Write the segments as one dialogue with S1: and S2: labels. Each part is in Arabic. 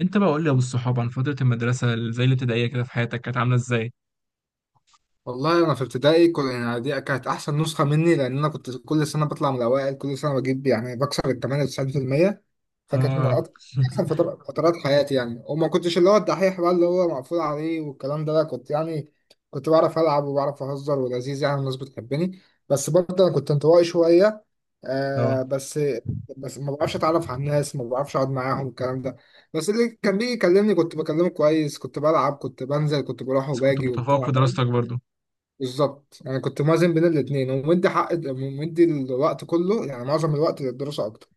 S1: انت بقى قول لي يا ابو الصحاب عن فتره المدرسه زي الابتدائيه كده في حياتك كانت عامله ازاي؟
S2: والله انا في ابتدائي دي كانت احسن نسخه مني، لان انا كنت كل سنه بطلع من الاوائل، كل سنه بجيب يعني بكسر ال 98%. فكانت من
S1: اه.
S2: أك- احسن فترات حياتي يعني. وما كنتش اللي هو الدحيح بقى اللي هو مقفول عليه والكلام ده، لا كنت يعني كنت بعرف العب وبعرف اهزر ولذيذ يعني، الناس بتحبني. بس برضه انا كنت انطوائي شويه. آه
S1: اه.
S2: بس، بس ما بعرفش اتعرف على الناس، ما بعرفش اقعد معاهم الكلام ده. بس اللي كان بيجي يكلمني كنت بكلمه كويس، كنت بلعب كنت بنزل كنت بروح
S1: بس كنت
S2: وباجي وبتاع.
S1: متفوق في دراستك برضو.
S2: بالظبط انا كنت موازن بين الاثنين، ومدي حق ومدي الوقت كله يعني معظم الوقت للدراسه اكتر.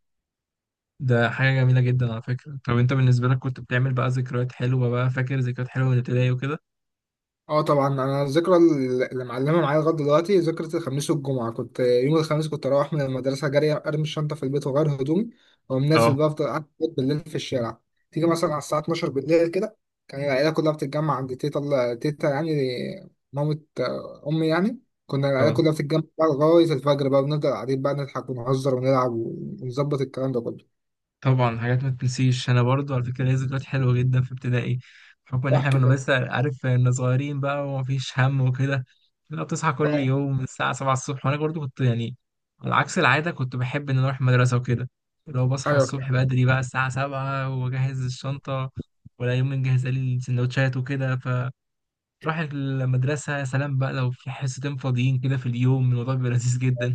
S1: ده حاجه جميله جدا على فكره. طب انت بالنسبه لك كنت بتعمل بقى ذكريات حلوه بقى؟ فاكر ذكريات حلوه من الابتدائي وكده؟
S2: اه طبعا، انا الذكرى اللي معلمه معايا لغايه دلوقتي ذكرى الخميس والجمعه. كنت يوم الخميس كنت اروح من المدرسه جري، ارمي الشنطه في البيت واغير هدومي واقوم نازل
S1: اه.
S2: بقى، افضل قاعد بالليل في الشارع. تيجي مثلا على الساعه 12 بالليل كده، كان العيله كلها بتتجمع عند تيتا. تيتا يعني مامة، آه، امي يعني. كنا العيله
S1: اه،
S2: كلها بتتجمع بقى لغايه الفجر، بقى بنفضل قاعدين بقى نضحك ونهزر ونلعب ونظبط الكلام ده كله.
S1: طبعا حاجات ما تنسيش، انا برضو على فكره ليا ذكريات حلوه جدا في ابتدائي، بحكم ان احنا
S2: احكي.
S1: كنا، بس عارف ان صغيرين بقى ومفيش هم وكده. لا، بتصحى كل
S2: اه
S1: يوم من الساعه 7 الصبح، وانا برضو كنت يعني على عكس العاده كنت بحب ان أنا اروح المدرسه وكده. لو بصحى
S2: ايوه
S1: الصبح
S2: فعلا.
S1: بدري بقى الساعه 7 واجهز الشنطه، ولا يوم نجهز لي السندوتشات وكده، فراح المدرسه. يا سلام بقى، لو في حصتين فاضيين كده في اليوم، الموضوع بيبقى لذيذ جدا.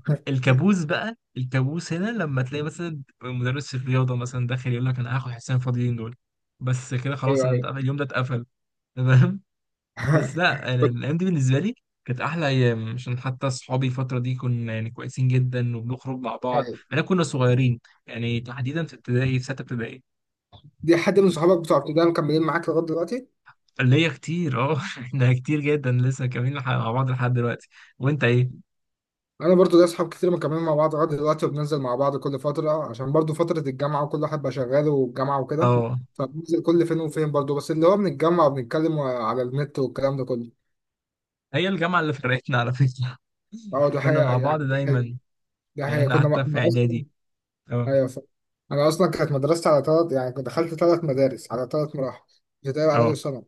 S1: الكابوس بقى، الكابوس هنا لما تلاقي مثلا مدرس الرياضه مثلا داخل يقول لك انا هاخد حصتين فاضيين دول. بس كده خلاص،
S2: ايوه
S1: انا
S2: ايوه.
S1: اليوم ده اتقفل. تمام. بس لا، أنا
S2: كنت-
S1: الايام دي بالنسبه لي كانت احلى ايام، عشان حتى اصحابي الفتره دي كنا يعني كويسين جدا وبنخرج مع بعض،
S2: أيوة.
S1: احنا كنا صغيرين، يعني تحديدا في ابتدائي، في سته ابتدائي.
S2: دي حد من صحابك بتوع ابتدائي مكملين معاك لغايه دلوقتي؟
S1: اللي هي كتير، اه احنا كتير جدا لسه كاملين مع بعض لحد دلوقتي. وانت ايه؟
S2: انا برضو ليا اصحاب كتير مكملين مع بعض لغايه دلوقتي، وبننزل مع بعض كل فتره، عشان برضو فتره الجامعه وكل واحد بقى شغال والجامعه وكده.
S1: اه،
S2: فبننزل كل فين وفين برضو، بس اللي هو بنتجمع وبنتكلم على النت والكلام ده كله.
S1: هي الجامعه اللي فرقتنا على فكره.
S2: اه ده
S1: كنا
S2: حقيقه،
S1: مع بعض
S2: يعني دي حقيقه.
S1: دايما،
S2: دي
S1: لان
S2: حقيقه
S1: احنا
S2: كنا
S1: حتى في
S2: انا اصلا.
S1: اعدادي. اه.
S2: ايوه ف... انا اصلا كانت مدرستي على ثلاث، يعني كنت دخلت ثلاث مدارس على ثلاث مراحل، ابتدائي واعدادي
S1: اه،
S2: وثانوي.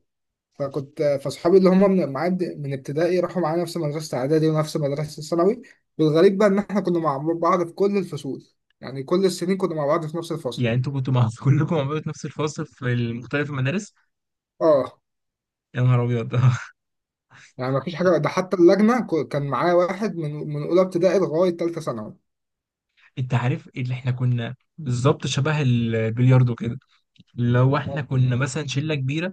S2: فكنت فاصحابي اللي هم من معاد من ابتدائي راحوا معايا نفس مدرسة إعدادي ونفس مدرسة ثانوي. والغريب بقى إن إحنا كنا مع بعض في كل الفصول، يعني كل السنين كنا مع بعض في نفس الفصل.
S1: يعني انتوا كنتوا مع كلكم مع بعض في نفس الفصل في مختلف المدارس؟
S2: آه.
S1: يا نهار ابيض.
S2: يعني مفيش حاجة، ده حتى اللجنة كان معايا واحد من أولى ابتدائي لغاية تالتة ثانوي.
S1: انت عارف، اللي احنا كنا بالظبط شبه البلياردو كده. لو احنا
S2: اه
S1: كنا مثلا شله كبيره،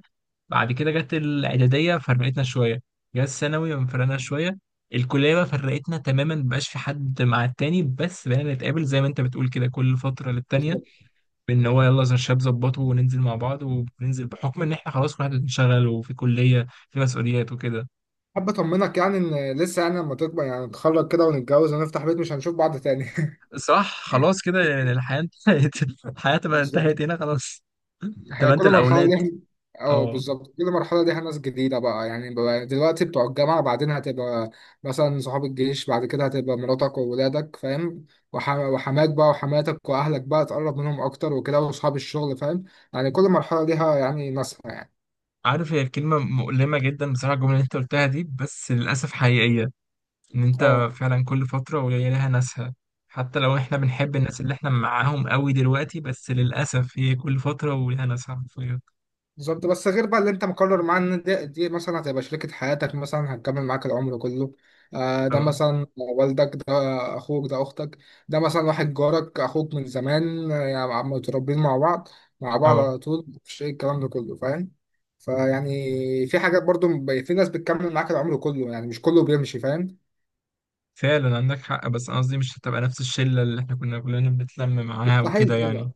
S1: بعد كده جت الاعداديه فرقتنا شويه، جت الثانوي فرقنا شويه، الكليه بقى فرقتنا تماما، مبقاش في حد مع التاني، بس بقينا نتقابل زي ما انت بتقول كده كل فتره للتانيه.
S2: بالظبط.
S1: ان هو يلا زي الشباب ظبطه وننزل مع بعض وننزل، بحكم ان احنا خلاص كل واحد بنشتغل وفي كليه، في مسؤوليات وكده.
S2: حابب أطمنك يعني إن لسه يعني لما تكبر يعني نتخرج كده ونتجوز ونفتح بيت، مش هنشوف بعض تاني.
S1: صح، خلاص كده يعني الحياه انتهت. الحياه تبقى انتهت هنا خلاص،
S2: هي
S1: تبقى انت
S2: كل مرحلة
S1: الاولاد.
S2: ليها. اه
S1: اه،
S2: بالظبط، كل مرحلة ليها ناس جديدة بقى، يعني بقى دلوقتي بتوع الجامعة، بعدين هتبقى مثلا صحاب الجيش، بعد كده هتبقى مراتك وولادك فاهم. وحماك بقى وحماتك وأهلك بقى تقرب منهم أكتر وكده، وأصحاب الشغل فاهم. يعني كل مرحلة ليها يعني ناسها يعني.
S1: عارف، هي كلمه مؤلمه جدا بصراحه الجمله اللي انت قلتها دي، بس للاسف حقيقيه، ان انت
S2: اه
S1: فعلا كل فتره وهي لها ناسها. حتى لو احنا بنحب الناس اللي احنا معاهم قوي دلوقتي، بس للاسف هي كل فتره ولها ناسها حرفيا.
S2: بالظبط. بس غير بقى اللي انت مقرر معاه ان دي مثلا هتبقى شريكة حياتك، مثلا هتكمل معاك العمر كله. آه ده
S1: اه.
S2: مثلا والدك، ده اخوك، ده اختك. ده مثلا واحد جارك، اخوك من زمان، آه، يعني متربيين مع بعض، مع بعض
S1: اه،
S2: على طول، مفيش ايه الكلام ده كله فاهم. فيعني في حاجات برضو في ناس بتكمل معاك العمر كله، يعني مش كله بيمشي فاهم.
S1: فعلا عندك حق، بس انا قصدي مش هتبقى نفس الشله اللي احنا كنا كلنا بنتلم معاها وكده
S2: مستحيل
S1: يعني.
S2: تبقى.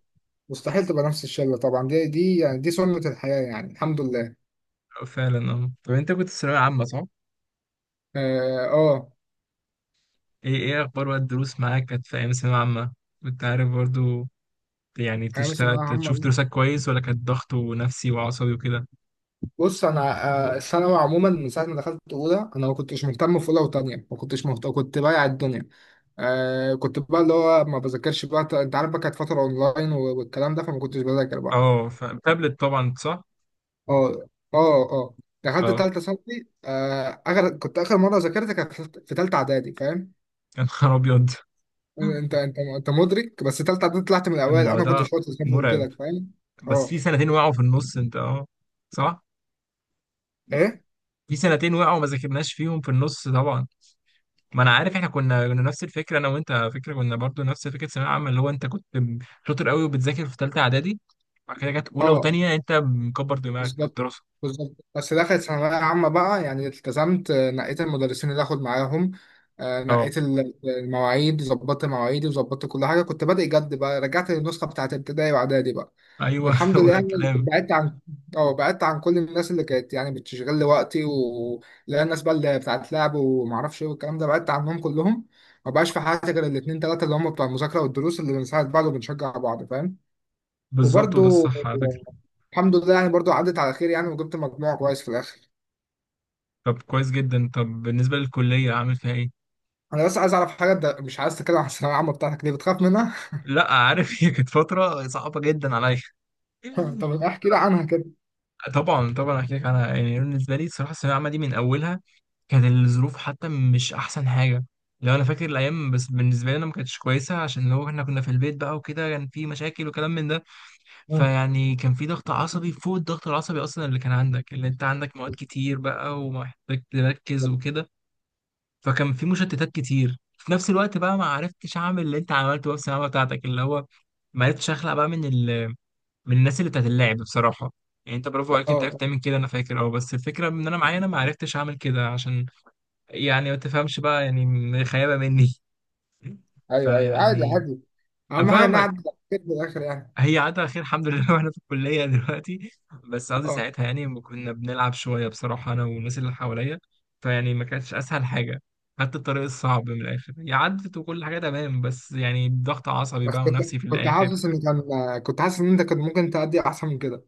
S2: مستحيل تبقى نفس الشلة طبعا، دي يعني دي سنة الحياة يعني، الحمد لله.
S1: فعلا، اه. طب انت كنت في ثانويه عامه، صح؟
S2: اه آه،
S1: ايه؟ ايه اخبار بقى الدروس معاك كانت في ايام ثانويه عامه؟ كنت عارف برضو يعني
S2: انا مثلا
S1: تشتغل
S2: انا عم
S1: تشوف دروسك كويس، ولا كانت ضغط ونفسي وعصبي وكده؟
S2: بص، انا آه، الثانوي عموما من ساعه ما دخلت اولى انا ما كنتش مهتم، في اولى وثانيه ما كنتش مهتم، كنت بايع الدنيا. آه كنت بقى اللي هو ما بذاكرش بقى، انت عارف بقى كانت فتره اونلاين والكلام ده، فما كنتش بذاكر بقى.
S1: اه، فتابلت طبعا، صح؟
S2: اه. اه اه. دخلت
S1: اه.
S2: ثالثه ثانوي، آه اخر كنت اخر مره ذاكرت كانت في ثالثه اعدادي فاهم.
S1: يا نهار ابيض.
S2: انت انت مدرك بس، ثالثه اعدادي طلعت من الاوائل، انا كنت
S1: الموضوع
S2: شاطر زي ما قلت
S1: مرعب.
S2: لك فاهم.
S1: بس
S2: اه.
S1: في سنتين وقعوا في النص انت، اه، صح؟
S2: ايه.
S1: في سنتين وقعوا ما ذاكرناش فيهم في النص طبعا. ما انا عارف، احنا كنا نفس الفكره انا وانت على فكره، كنا برضو نفس فكره ثانويه عامه، اللي هو انت كنت شاطر قوي وبتذاكر في ثالثه اعدادي، بعد كده جت اولى
S2: اه
S1: وثانيه انت مكبر دماغك من
S2: بالظبط.
S1: الدراسه.
S2: بالظبط، بس دخلت ثانوية عامة بقى يعني التزمت، آه، نقيت المدرسين اللي آخد معاهم، آه،
S1: اه.
S2: نقيت المواعيد، ظبطت مواعيدي وظبطت كل حاجة، كنت بادئ جد بقى، رجعت للنسخة بتاعت ابتدائي وإعدادي بقى.
S1: ايوه.
S2: والحمد
S1: هو
S2: لله
S1: ده
S2: يعني.
S1: الكلام.
S2: بعدت عن، أو بعدت عن كل الناس اللي كانت يعني بتشغل لي وقتي، و لا الناس بقى اللي بتاعت لعب ومعرفش إيه والكلام ده، بعدت عنهم كلهم. ما بقاش في حياتي غير الاتنين تلاتة اللي هم بتوع المذاكرة والدروس، اللي بنساعد بعض وبنشجع بعض فاهم.
S1: بالظبط، وده
S2: وبرضو
S1: الصح على فكره.
S2: الحمد لله يعني، برضو عدت على خير يعني، وجبت مجموع كويس في الاخر.
S1: طب كويس جدا. طب بالنسبه للكليه عامل فيها ايه؟
S2: انا بس عايز اعرف حاجه، انت مش عايز تتكلم عن الثانويه العامه بتاعتك ليه، بتخاف منها؟
S1: لا، عارف. هي كانت فتره صعبه جدا عليا.
S2: طب احكي لي عنها كده.
S1: طبعا طبعا احكي لك. انا يعني بالنسبه لي صراحه الثانويه العامه دي من اولها، كانت الظروف حتى مش احسن حاجه. لو انا فاكر الايام بس بالنسبه لي انا، ما كانتش كويسه، عشان هو احنا كنا في البيت بقى وكده، كان في مشاكل وكلام من ده،
S2: مم.
S1: فيعني كان في ضغط عصبي فوق الضغط العصبي اصلا اللي كان عندك، اللي انت عندك مواد كتير بقى ومحتاج تركز
S2: اه.
S1: وكده، فكان في مشتتات كتير في نفس الوقت بقى. ما عرفتش اعمل اللي انت عملته بقى في الثانويه العامة بتاعتك، اللي هو ما عرفتش اخلق بقى من الناس اللي بتاعت اللعب بصراحة. يعني انت برافو عليك، انت
S2: آه.
S1: عرفت تعمل كده، انا فاكر. اه، بس الفكرة ان انا معايا، انا ما عرفتش اعمل كده، عشان يعني ما تفهمش بقى، يعني خيابة مني.
S2: ايوه ايوه، عادي
S1: فيعني
S2: عادي، اهم حاجه ان أنا
S1: افهمك.
S2: عدت على خير في الاخر يعني.
S1: هي عادة على خير الحمد لله. واحنا في الكلية دلوقتي، بس قصدي
S2: اه
S1: ساعتها يعني ما كنا بنلعب شوية بصراحة انا والناس اللي حواليا، فيعني ما كانتش اسهل حاجة، خدت الطريق الصعب من الاخر، هي عدت وكل حاجة تمام، بس يعني ضغط عصبي
S2: بس
S1: بقى ونفسي في
S2: كنت
S1: الاخر.
S2: حاسس ان كنت حاسس ان انت كنت ممكن تأدي احسن من كده.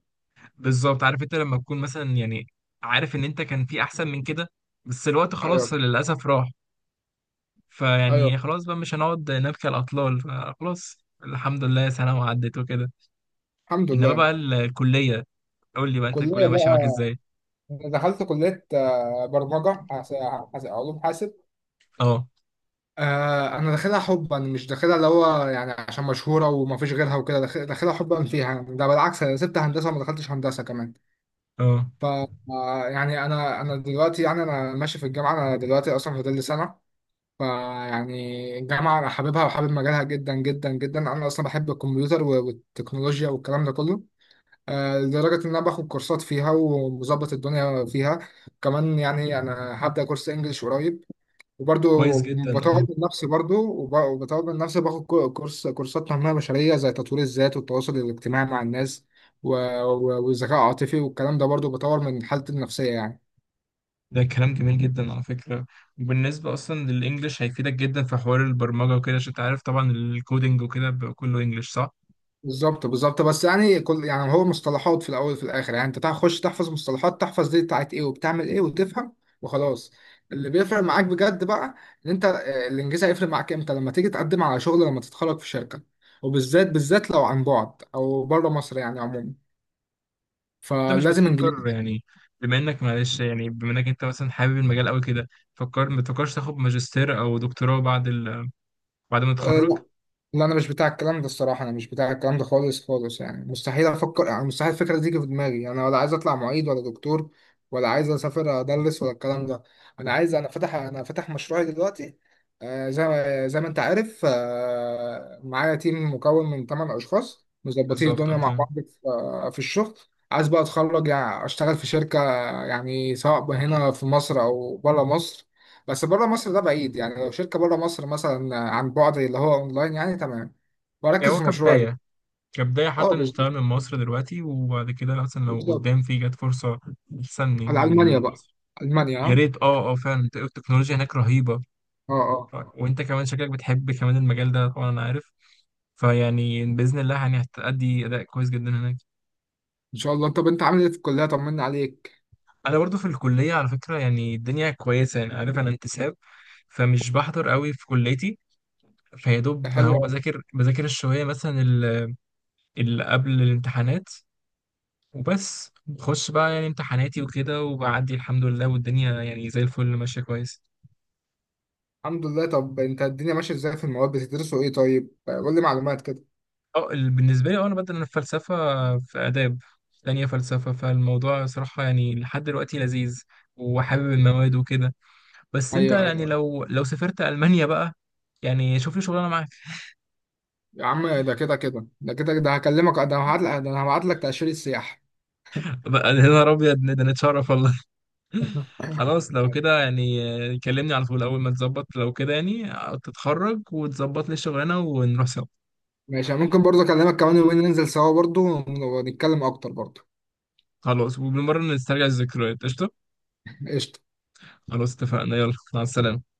S1: بالظبط، عارف، انت لما تكون مثلا يعني عارف ان انت كان في احسن من كده، بس الوقت
S2: ايوه.
S1: خلاص للاسف راح.
S2: ايوه
S1: فيعني خلاص بقى مش هنقعد نبكي على الاطلال، فخلاص، الحمد لله سنه وعدت وكده.
S2: الحمد
S1: انما
S2: لله.
S1: بقى الكليه، قول لي بقى انت الكليه
S2: كليه
S1: ماشيه معاك
S2: بقى،
S1: ازاي؟
S2: دخلت كليه، آه، برمجه علوم حاسب.
S1: اه.
S2: آه انا داخلها حبا، مش داخلها اللي هو يعني عشان مشهوره وما فيش غيرها وكده، داخلها حبا فيها يعني. ده بالعكس انا سبت هندسه وما دخلتش هندسه كمان.
S1: اه.
S2: ف آه، يعني انا دلوقتي يعني انا ماشي في الجامعه، انا دلوقتي اصلا فاضل لي سنه. فيعني الجامعه انا حاببها وحابب مجالها جدا جدا جدا، انا اصلا بحب الكمبيوتر والتكنولوجيا والكلام ده كله. آه، لدرجه ان انا باخد كورسات فيها ومظبط الدنيا فيها. كمان يعني انا هبدا كورس انجليش قريب. وبرضو
S1: كويس جدا،
S2: بطور
S1: اه.
S2: من نفسي برضو وبطور من نفسي، باخد كورس كورسات تنمية بشرية، زي تطوير الذات والتواصل الاجتماعي مع الناس، و- والذكاء العاطفي والكلام ده، برضو بطور من حالتي النفسية يعني.
S1: ده كلام جميل جدا على فكره. وبالنسبه اصلا للانجليش هيفيدك جدا في حوار البرمجه وكده، عشان انت عارف طبعا الكودينج وكده بيبقى كله انجليش، صح؟
S2: بالظبط. بالظبط، بس يعني كل يعني هو مصطلحات في الأول وفي الآخر، يعني أنت تخش تحفظ مصطلحات، تحفظ دي بتاعت إيه وبتعمل إيه وتفهم وخلاص. اللي بيفرق معاك بجد بقى إن أنت آه، الإنجاز هيفرق معاك إمتى لما تيجي تقدم على شغل لما تتخرج في شركة، بالذات لو عن بعد أو بره مصر يعني عموما،
S1: انت مش
S2: فلازم
S1: بتفكر
S2: انجليزي.
S1: يعني، بما انك، معلش، يعني بما انك انت مثلا حابب المجال قوي كده، فكر، ما تفكرش تاخد ماجستير او دكتوراه بعد بعد ما
S2: أه
S1: تتخرج؟
S2: لا. لا انا مش بتاع الكلام ده الصراحه، انا مش بتاع الكلام ده خالص خالص، يعني مستحيل افكر، يعني مستحيل الفكره دي تيجي في دماغي، انا ولا عايز اطلع معيد ولا دكتور، ولا عايز اسافر ادرس ولا الكلام ده. انا عايز، انا فاتح مشروعي دلوقتي. آه، زي ما انت عارف، آه، معايا تيم مكون من 8 اشخاص مظبطين
S1: بالظبط
S2: الدنيا
S1: انت.
S2: مع بعض في آه، في الشغل. عايز بقى اتخرج يعني اشتغل في شركه، يعني سواء هنا في مصر او بره مصر. بس بره مصر ده بعيد يعني، لو شركة بره مصر مثلا عن بعد اللي هو اونلاين يعني تمام،
S1: يعني
S2: واركز
S1: هو
S2: في مشروعي ده.
S1: كبداية، كبداية
S2: اه
S1: حتى
S2: بالظبط.
S1: نشتغل من مصر دلوقتي، وبعد كده مثلا لو قدام
S2: بالظبط.
S1: في جت فرصة أحسن من
S2: على المانيا بقى.
S1: مصر.
S2: المانيا
S1: يا
S2: ها.
S1: ريت، اه. اه فعلا التكنولوجيا هناك رهيبة.
S2: اه اه.
S1: وانت كمان شكلك بتحب كمان المجال ده طبعا، انا عارف، فيعني بإذن الله يعني هتأدي أداء كويس جدا هناك.
S2: ان شاء الله. طب انت عامل ايه في الكلية، طمنا عليك.
S1: انا برضو في الكليه على فكره، يعني الدنيا كويسه، يعني عارف انا انتساب، فمش بحضر قوي في كليتي، فيا دوب، ما
S2: حلو
S1: هو
S2: أوي.
S1: بذاكر الشويه مثلا اللي قبل الامتحانات وبس، بخش بقى يعني امتحاناتي وكده وبعدي الحمد لله، والدنيا يعني زي الفل ماشيه كويس.
S2: الحمد لله. طب انت الدنيا ماشية ازاي، في المواد بتدرسوا ايه طيب، آه، قول لي معلومات كده.
S1: اه، بالنسبه لي، اه انا بدل الفلسفه، في فلسفه في اداب، تانية فلسفه، فالموضوع صراحه يعني لحد دلوقتي لذيذ، وحابب المواد وكده. بس انت
S2: ايوه
S1: يعني
S2: ايوه.
S1: لو سافرت المانيا بقى، يعني شوف لي شغلانه معاك
S2: يا عم ده كده كده، ده كده ده هكلمك، ده هبعت لك، ده انا هبعت لك تأشيرة سياحة.
S1: بقى. يا نهار ابيض، ده نتشرف والله. خلاص لو كده يعني، كلمني على طول اول ما تظبط، لو كده يعني تتخرج وتظبط لي الشغلانه ونروح سوا.
S2: ماشي، ممكن برضه اكلمك كمان يومين ننزل سوا برضه، ونتكلم اكتر برضه.
S1: خلاص، وبالمره نسترجع الذكريات، قشطه.
S2: قشطة.
S1: خلاص اتفقنا، يلا مع السلامه.